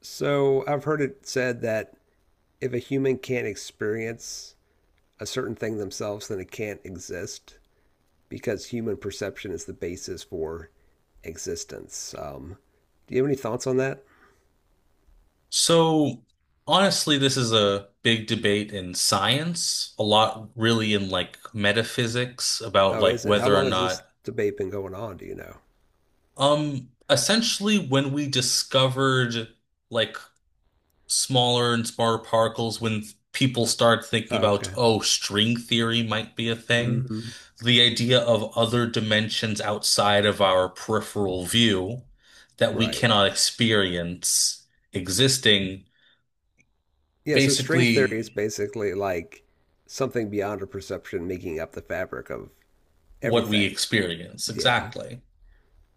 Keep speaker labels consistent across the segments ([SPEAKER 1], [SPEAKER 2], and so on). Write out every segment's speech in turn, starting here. [SPEAKER 1] So I've heard it said that if a human can't experience a certain thing themselves, then it can't exist because human perception is the basis for existence. Do you have any thoughts on that?
[SPEAKER 2] So, honestly, this is a big debate in science, a lot really in like metaphysics about
[SPEAKER 1] Oh,
[SPEAKER 2] like
[SPEAKER 1] is it? How
[SPEAKER 2] whether or
[SPEAKER 1] long has this
[SPEAKER 2] not,
[SPEAKER 1] debate been going on? Do you know?
[SPEAKER 2] essentially when we discovered like smaller and smaller particles, when people start thinking
[SPEAKER 1] Oh,
[SPEAKER 2] about,
[SPEAKER 1] okay.
[SPEAKER 2] oh, string theory might be a thing,
[SPEAKER 1] Hmm.
[SPEAKER 2] the idea of other dimensions outside of our peripheral view that we
[SPEAKER 1] Right.
[SPEAKER 2] cannot experience existing
[SPEAKER 1] Yeah, so string theory is
[SPEAKER 2] basically.
[SPEAKER 1] basically like something beyond our perception making up the fabric of
[SPEAKER 2] What we
[SPEAKER 1] everything.
[SPEAKER 2] experience
[SPEAKER 1] Yeah.
[SPEAKER 2] exactly.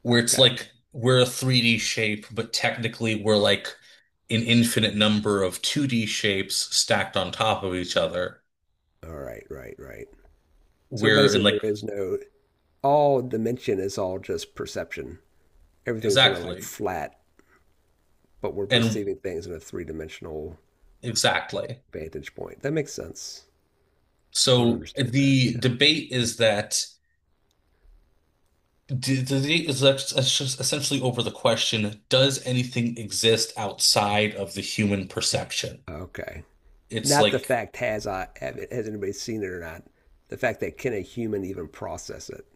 [SPEAKER 2] Where it's
[SPEAKER 1] Okay.
[SPEAKER 2] like we're a 3D shape, but technically we're like an infinite number of 2D shapes stacked on top of each other.
[SPEAKER 1] All right, right, right. So
[SPEAKER 2] We're in
[SPEAKER 1] basically,
[SPEAKER 2] like
[SPEAKER 1] there is no all dimension is all just perception. Everything's really like
[SPEAKER 2] exactly
[SPEAKER 1] flat, but we're
[SPEAKER 2] and
[SPEAKER 1] perceiving things in a three dimensional
[SPEAKER 2] exactly.
[SPEAKER 1] vantage point. That makes sense. I would
[SPEAKER 2] So
[SPEAKER 1] understand that.
[SPEAKER 2] the
[SPEAKER 1] Yeah.
[SPEAKER 2] debate is that the debate is ex- it's just essentially over the question: does anything exist outside of the human perception?
[SPEAKER 1] Okay.
[SPEAKER 2] It's
[SPEAKER 1] Not the
[SPEAKER 2] like
[SPEAKER 1] fact has I have it, has anybody seen it or not. The fact that can a human even process it?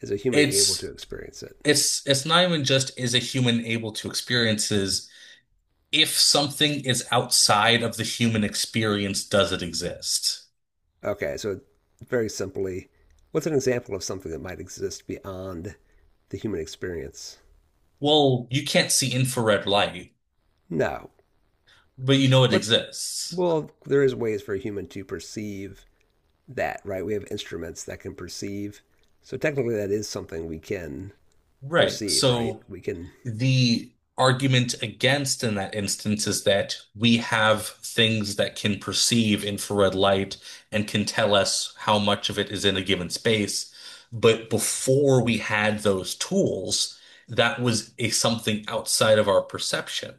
[SPEAKER 1] Is a human able to
[SPEAKER 2] it's
[SPEAKER 1] experience it?
[SPEAKER 2] it's not even just is a human able to experiences if something is outside of the human experience, does it exist?
[SPEAKER 1] Okay. So very simply, what's an example of something that might exist beyond the human experience?
[SPEAKER 2] Well, you can't see infrared light,
[SPEAKER 1] No.
[SPEAKER 2] but you know it
[SPEAKER 1] But
[SPEAKER 2] exists.
[SPEAKER 1] well, there is ways for a human to perceive that, right? We have instruments that can perceive. So technically, that is something we can
[SPEAKER 2] Right.
[SPEAKER 1] perceive, right?
[SPEAKER 2] So
[SPEAKER 1] We can.
[SPEAKER 2] the argument against in that instance is that we have things that can perceive infrared light and can tell us how much of it is in a given space. But before we had those tools, that was a something outside of our perception.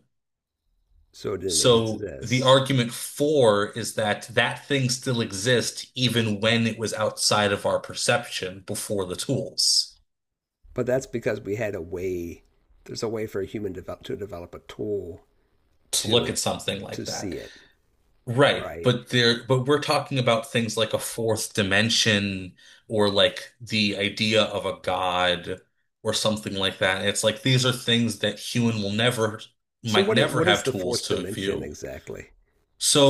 [SPEAKER 1] So it didn't
[SPEAKER 2] So the
[SPEAKER 1] exist,
[SPEAKER 2] argument for is that that thing still exists even when it was outside of our perception before the tools
[SPEAKER 1] but that's because we had a way. There's a way for a human to develop a tool
[SPEAKER 2] to
[SPEAKER 1] to
[SPEAKER 2] look at
[SPEAKER 1] and
[SPEAKER 2] something like
[SPEAKER 1] to
[SPEAKER 2] that.
[SPEAKER 1] see it,
[SPEAKER 2] Right,
[SPEAKER 1] right?
[SPEAKER 2] but we're talking about things like a fourth dimension or like the idea of a god or something like that. It's like these are things that human will never
[SPEAKER 1] So
[SPEAKER 2] might
[SPEAKER 1] what?
[SPEAKER 2] never
[SPEAKER 1] What
[SPEAKER 2] have
[SPEAKER 1] is the
[SPEAKER 2] tools
[SPEAKER 1] fourth
[SPEAKER 2] to
[SPEAKER 1] dimension
[SPEAKER 2] view.
[SPEAKER 1] exactly?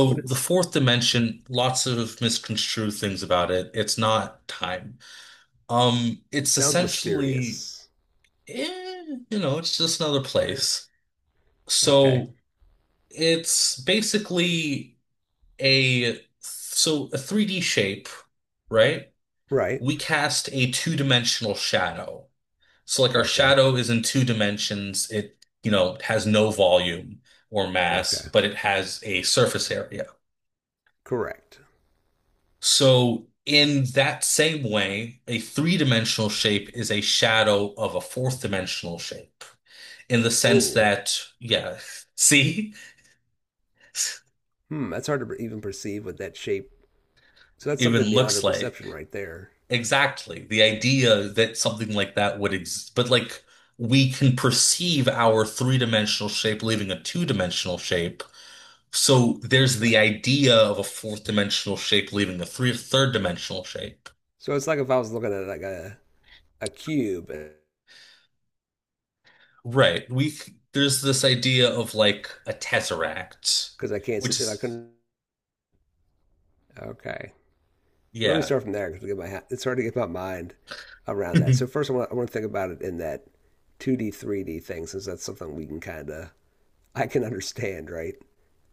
[SPEAKER 1] What
[SPEAKER 2] the
[SPEAKER 1] is?
[SPEAKER 2] fourth dimension, lots of misconstrued things about it. It's not time. It's
[SPEAKER 1] Sounds
[SPEAKER 2] essentially,
[SPEAKER 1] mysterious.
[SPEAKER 2] eh, it's just another
[SPEAKER 1] Yeah.
[SPEAKER 2] place.
[SPEAKER 1] Okay.
[SPEAKER 2] So it's basically a 3D shape, right?
[SPEAKER 1] Right.
[SPEAKER 2] We cast a two-dimensional shadow. So like our
[SPEAKER 1] Okay.
[SPEAKER 2] shadow is in two dimensions. It has no volume or mass,
[SPEAKER 1] Okay.
[SPEAKER 2] but it has a surface area.
[SPEAKER 1] Correct.
[SPEAKER 2] So in that same way, a three-dimensional shape is a shadow of a fourth-dimensional shape, in the sense
[SPEAKER 1] Oh,
[SPEAKER 2] that, yeah, see,
[SPEAKER 1] hmm. That's hard to even perceive with that shape. So that's something
[SPEAKER 2] even
[SPEAKER 1] beyond our
[SPEAKER 2] looks
[SPEAKER 1] perception
[SPEAKER 2] like
[SPEAKER 1] right there.
[SPEAKER 2] exactly the idea that something like that would exist, but like we can perceive our three-dimensional shape leaving a two-dimensional shape. So there's
[SPEAKER 1] Okay.
[SPEAKER 2] the idea of a fourth-dimensional shape leaving a three third-dimensional shape.
[SPEAKER 1] So it's like if I was looking at like a cube
[SPEAKER 2] Right. We there's this idea of like a tesseract,
[SPEAKER 1] because I can't see,
[SPEAKER 2] which
[SPEAKER 1] if I
[SPEAKER 2] is,
[SPEAKER 1] couldn't. Okay. Well, let me
[SPEAKER 2] yeah.
[SPEAKER 1] start from there because it's hard to get my mind around that.
[SPEAKER 2] Hmm.
[SPEAKER 1] So first, I want to think about it in that 2D, 3D thing, since that's something we can kind of I can understand, right?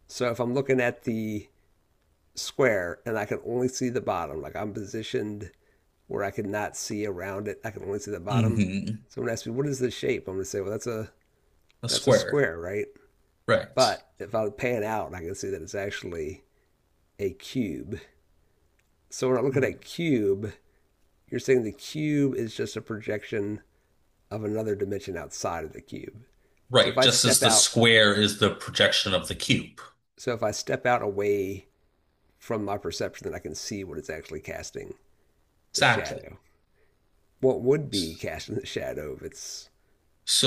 [SPEAKER 1] So if I'm looking at the square and I can only see the bottom, like I'm positioned where I could not see around it, I can only see the bottom.
[SPEAKER 2] A
[SPEAKER 1] Someone asked me, "What is the shape?" I'm going to say, "Well, that's a
[SPEAKER 2] square.
[SPEAKER 1] square, right?"
[SPEAKER 2] Right.
[SPEAKER 1] But if I would pan out, I can see that it's actually a cube. So when I look at a cube, you're saying the cube is just a projection of another dimension outside of the cube. So if
[SPEAKER 2] Right,
[SPEAKER 1] I
[SPEAKER 2] just as
[SPEAKER 1] step
[SPEAKER 2] the
[SPEAKER 1] out,
[SPEAKER 2] square is the projection of the cube.
[SPEAKER 1] so if I step out away from my perception, then I can see what it's actually casting, the
[SPEAKER 2] Exactly.
[SPEAKER 1] shadow. What would be casting the shadow if it's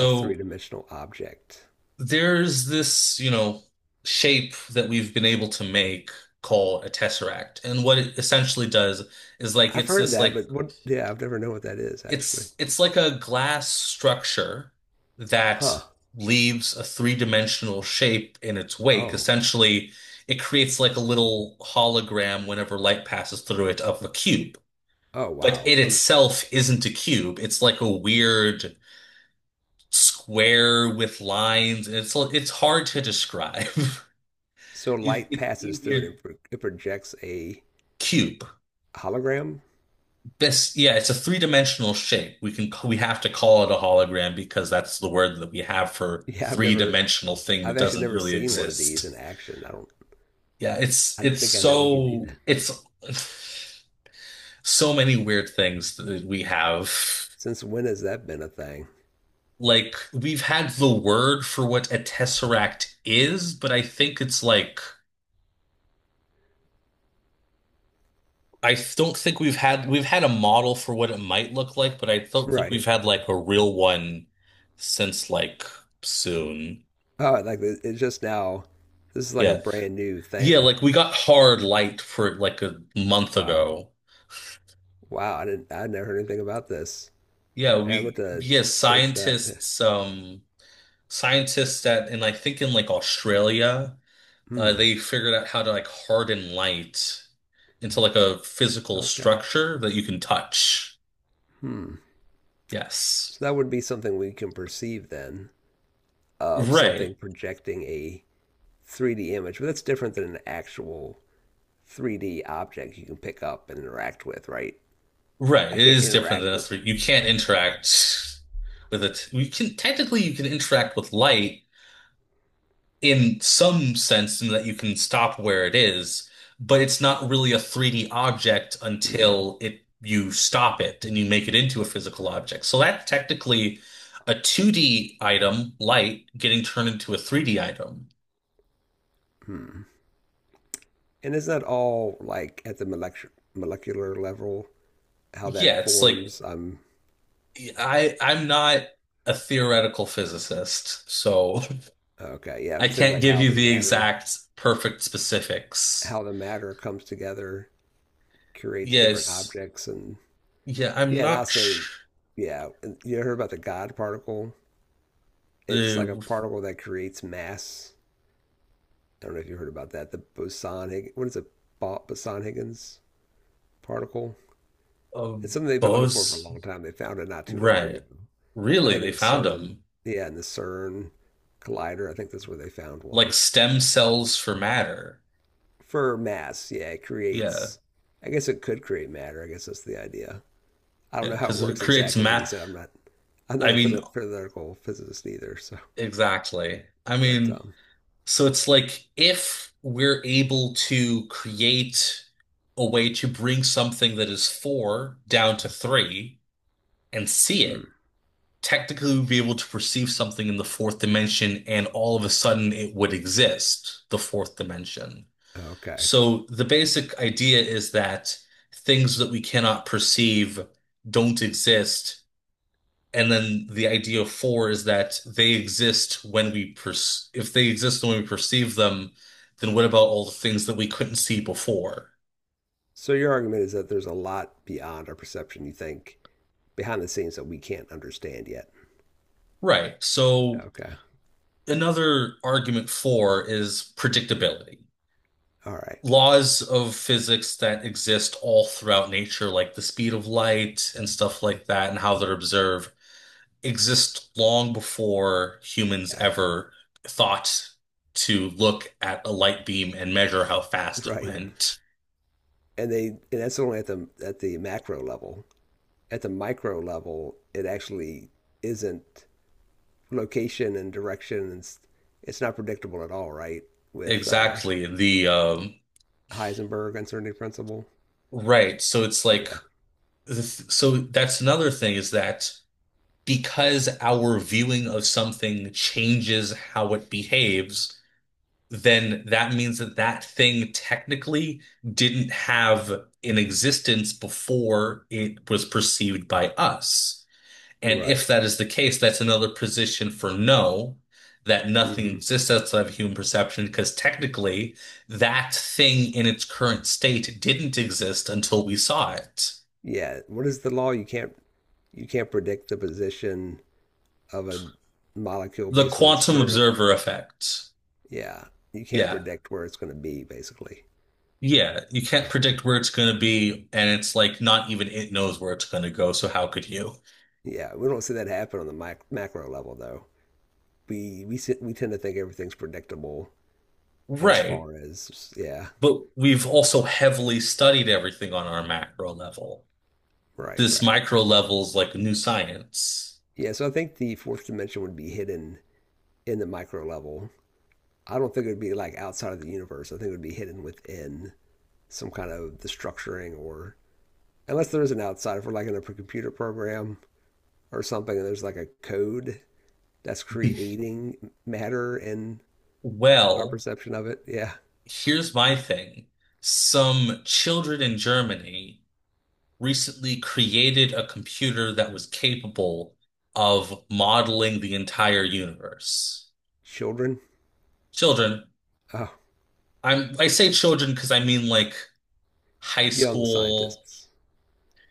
[SPEAKER 1] a three-dimensional object?
[SPEAKER 2] there's this shape that we've been able to make called a tesseract. And what it essentially does is like
[SPEAKER 1] I've
[SPEAKER 2] it's
[SPEAKER 1] heard of
[SPEAKER 2] this
[SPEAKER 1] that,
[SPEAKER 2] like
[SPEAKER 1] but what, yeah, I've never known what that is actually.
[SPEAKER 2] it's like a glass structure that
[SPEAKER 1] Huh.
[SPEAKER 2] leaves a three-dimensional shape in its wake.
[SPEAKER 1] Oh.
[SPEAKER 2] Essentially, it creates like a little hologram whenever light passes through it of a cube.
[SPEAKER 1] Oh,
[SPEAKER 2] But
[SPEAKER 1] wow.
[SPEAKER 2] it
[SPEAKER 1] Um,
[SPEAKER 2] itself isn't a cube. It's like a weird square with lines. It's hard to describe.
[SPEAKER 1] So
[SPEAKER 2] It-
[SPEAKER 1] light
[SPEAKER 2] It's
[SPEAKER 1] passes through
[SPEAKER 2] easier
[SPEAKER 1] it and it projects a
[SPEAKER 2] cube.
[SPEAKER 1] hologram.
[SPEAKER 2] This, yeah, it's a three-dimensional shape. We have to call it a hologram because that's the word that we have for
[SPEAKER 1] Yeah,
[SPEAKER 2] three-dimensional thing
[SPEAKER 1] I've
[SPEAKER 2] that
[SPEAKER 1] actually
[SPEAKER 2] doesn't
[SPEAKER 1] never
[SPEAKER 2] really
[SPEAKER 1] seen one of these in
[SPEAKER 2] exist.
[SPEAKER 1] action. I don't,
[SPEAKER 2] Yeah,
[SPEAKER 1] I don't
[SPEAKER 2] it's
[SPEAKER 1] think I know we could do
[SPEAKER 2] so
[SPEAKER 1] that.
[SPEAKER 2] it's so many weird things that we have.
[SPEAKER 1] Since when has that been a thing?
[SPEAKER 2] Like we've had the word for what a tesseract is, but I think it's like I don't think we've had a model for what it might look like, but I don't think
[SPEAKER 1] Right.
[SPEAKER 2] we've had like a real one since like soon.
[SPEAKER 1] Oh, like it's just now. This is like a
[SPEAKER 2] Yeah.
[SPEAKER 1] brand new
[SPEAKER 2] Yeah,
[SPEAKER 1] thing.
[SPEAKER 2] like we got hard light for like a month
[SPEAKER 1] Wow.
[SPEAKER 2] ago.
[SPEAKER 1] Wow. I never heard anything about this.
[SPEAKER 2] Yeah,
[SPEAKER 1] Man, I'm going
[SPEAKER 2] we
[SPEAKER 1] to
[SPEAKER 2] yeah,
[SPEAKER 1] search that.
[SPEAKER 2] scientists at and I think in like Australia,
[SPEAKER 1] Hmm.
[SPEAKER 2] they figured out how to like harden light into like a physical
[SPEAKER 1] Okay.
[SPEAKER 2] structure that you can touch.
[SPEAKER 1] Hmm. So
[SPEAKER 2] Yes.
[SPEAKER 1] that would be something we can perceive then of
[SPEAKER 2] Right.
[SPEAKER 1] something projecting a 3D image, but that's different than an actual 3D objects you can pick up and interact with, right?
[SPEAKER 2] Right.
[SPEAKER 1] I
[SPEAKER 2] It
[SPEAKER 1] can't
[SPEAKER 2] is different
[SPEAKER 1] interact
[SPEAKER 2] than a
[SPEAKER 1] with.
[SPEAKER 2] three. You can't interact with it. You can technically you can interact with light, in some sense in that you can stop where it is, but it's not really a 3D object
[SPEAKER 1] Mm-hmm.
[SPEAKER 2] until it you stop it and you make it into a physical object. So that's technically a 2D item, light, getting turned into a 3D item.
[SPEAKER 1] And is that all like at the molecular level? How that
[SPEAKER 2] Yeah, it's like
[SPEAKER 1] forms? I'm
[SPEAKER 2] I'm not a theoretical physicist, so
[SPEAKER 1] okay. Yeah,
[SPEAKER 2] I
[SPEAKER 1] I'm thinking
[SPEAKER 2] can't
[SPEAKER 1] like
[SPEAKER 2] give
[SPEAKER 1] how
[SPEAKER 2] you
[SPEAKER 1] the
[SPEAKER 2] the
[SPEAKER 1] matter,
[SPEAKER 2] exact perfect specifics.
[SPEAKER 1] how the matter comes together, creates different
[SPEAKER 2] Yes.
[SPEAKER 1] objects, and
[SPEAKER 2] Yeah, I'm
[SPEAKER 1] yeah, and
[SPEAKER 2] not sh
[SPEAKER 1] also, yeah, and you heard about the God particle? It's like a
[SPEAKER 2] the
[SPEAKER 1] particle that creates mass. I don't know if you heard about that. The boson what is it? Boson Higgins particle. It's something they've been looking for a
[SPEAKER 2] Bose.
[SPEAKER 1] long time. They found it not too long
[SPEAKER 2] Right.
[SPEAKER 1] ago. I
[SPEAKER 2] Really,
[SPEAKER 1] think in
[SPEAKER 2] they
[SPEAKER 1] the
[SPEAKER 2] found
[SPEAKER 1] CERN,
[SPEAKER 2] them.
[SPEAKER 1] yeah, in the CERN collider, I think that's where they found
[SPEAKER 2] Like
[SPEAKER 1] one.
[SPEAKER 2] stem cells for matter.
[SPEAKER 1] For mass, yeah, it
[SPEAKER 2] Yeah.
[SPEAKER 1] creates, I guess it could create matter. I guess that's the idea. I don't
[SPEAKER 2] Yeah.
[SPEAKER 1] know how it
[SPEAKER 2] Because it
[SPEAKER 1] works
[SPEAKER 2] creates
[SPEAKER 1] exactly. Like you
[SPEAKER 2] ma.
[SPEAKER 1] said, I'm not
[SPEAKER 2] I
[SPEAKER 1] a
[SPEAKER 2] mean,
[SPEAKER 1] theoretical physicist either. So,
[SPEAKER 2] exactly. I
[SPEAKER 1] but,
[SPEAKER 2] mean, so it's like if we're able to create a way to bring something that is four down to three and see it,
[SPEAKER 1] hmm,
[SPEAKER 2] technically we'd be able to perceive something in the fourth dimension and all of a sudden it would exist, the fourth dimension.
[SPEAKER 1] okay.
[SPEAKER 2] So the basic idea is that things that we cannot perceive don't exist. And then the idea of four is that they exist when we per if they exist when we perceive them, then what about all the things that we couldn't see before?
[SPEAKER 1] So your argument is that there's a lot beyond our perception, you think, behind the scenes that we can't understand yet.
[SPEAKER 2] Right. So
[SPEAKER 1] Okay.
[SPEAKER 2] another argument for is predictability.
[SPEAKER 1] All right.
[SPEAKER 2] Laws of physics that exist all throughout nature, like the speed of light and stuff like that, and how they're observed exist long before humans
[SPEAKER 1] Yeah.
[SPEAKER 2] ever thought to look at a light beam and measure how fast it
[SPEAKER 1] Right.
[SPEAKER 2] went.
[SPEAKER 1] And that's only at the macro level. At the micro level, it actually isn't location and direction, and it's not predictable at all, right? With
[SPEAKER 2] Exactly. The
[SPEAKER 1] Heisenberg uncertainty principle.
[SPEAKER 2] right. So it's like
[SPEAKER 1] Yeah.
[SPEAKER 2] so that's another thing is that because our viewing of something changes how it behaves, then that means that that thing technically didn't have an existence before it was perceived by us. And
[SPEAKER 1] Right.
[SPEAKER 2] if that is the case, that's another position for no, that nothing
[SPEAKER 1] Hmm.
[SPEAKER 2] exists outside of human perception, because technically that thing in its current state didn't exist until we saw it.
[SPEAKER 1] Yeah. What is the law? You can't predict the position of a molecule
[SPEAKER 2] The
[SPEAKER 1] based on its
[SPEAKER 2] quantum
[SPEAKER 1] current.
[SPEAKER 2] observer effect.
[SPEAKER 1] Yeah. You can't
[SPEAKER 2] Yeah.
[SPEAKER 1] predict where it's going to be, basically.
[SPEAKER 2] Yeah. You can't
[SPEAKER 1] Okay.
[SPEAKER 2] predict where it's going to be, and it's like not even it knows where it's going to go, so how could you?
[SPEAKER 1] Yeah. We don't see that happen on the mic macro level, though. We tend to think everything's predictable as
[SPEAKER 2] Right.
[SPEAKER 1] far as yeah,
[SPEAKER 2] But we've also heavily studied everything on our macro level.
[SPEAKER 1] right,
[SPEAKER 2] This
[SPEAKER 1] right.
[SPEAKER 2] micro level is like new science.
[SPEAKER 1] Yeah, so I think the fourth dimension would be hidden in the micro level. I don't think it would be like outside of the universe. I think it would be hidden within some kind of the structuring or unless there is an outside, if we're like in a computer program or something and there's like a code that's creating matter and our
[SPEAKER 2] Well,
[SPEAKER 1] perception of it. Yeah.
[SPEAKER 2] here's my thing. Some children in Germany recently created a computer that was capable of modeling the entire universe.
[SPEAKER 1] Children.
[SPEAKER 2] Children,
[SPEAKER 1] Oh,
[SPEAKER 2] I say children because I mean like high
[SPEAKER 1] young
[SPEAKER 2] school
[SPEAKER 1] scientists.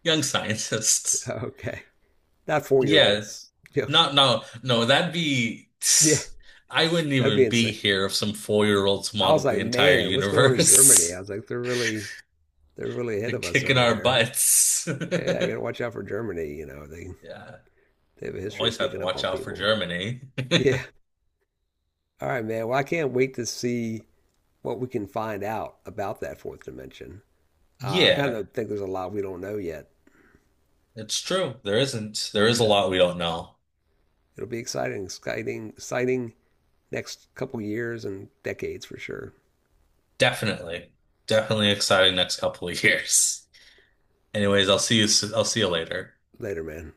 [SPEAKER 2] young scientists.
[SPEAKER 1] Okay. Not 4-year
[SPEAKER 2] Yeah,
[SPEAKER 1] olds. Yeah.
[SPEAKER 2] not, no, no, that'd be
[SPEAKER 1] Yeah.
[SPEAKER 2] I wouldn't
[SPEAKER 1] That'd be
[SPEAKER 2] even be
[SPEAKER 1] insane.
[SPEAKER 2] here if some four-year-olds
[SPEAKER 1] I was
[SPEAKER 2] modeled the
[SPEAKER 1] like,
[SPEAKER 2] entire
[SPEAKER 1] man, what's going on in Germany? I
[SPEAKER 2] universe.
[SPEAKER 1] was like, they're really ahead
[SPEAKER 2] They're
[SPEAKER 1] of us
[SPEAKER 2] kicking
[SPEAKER 1] over
[SPEAKER 2] our
[SPEAKER 1] there.
[SPEAKER 2] butts.
[SPEAKER 1] Yeah, I gotta watch out for Germany. They
[SPEAKER 2] Yeah.
[SPEAKER 1] they have a history of
[SPEAKER 2] Always have to
[SPEAKER 1] sneaking up
[SPEAKER 2] watch
[SPEAKER 1] on
[SPEAKER 2] out for
[SPEAKER 1] people.
[SPEAKER 2] Germany.
[SPEAKER 1] Yeah. All right, man. Well, I can't wait to see what we can find out about that fourth dimension. I kind
[SPEAKER 2] Yeah,
[SPEAKER 1] of think there's a lot we don't know yet.
[SPEAKER 2] it's true. There isn't, there is a
[SPEAKER 1] Yeah.
[SPEAKER 2] lot we don't know.
[SPEAKER 1] It'll be exciting, exciting, exciting next couple years and decades for sure.
[SPEAKER 2] Definitely. Definitely exciting next couple of years. Anyways, I'll see you later.
[SPEAKER 1] Later, man.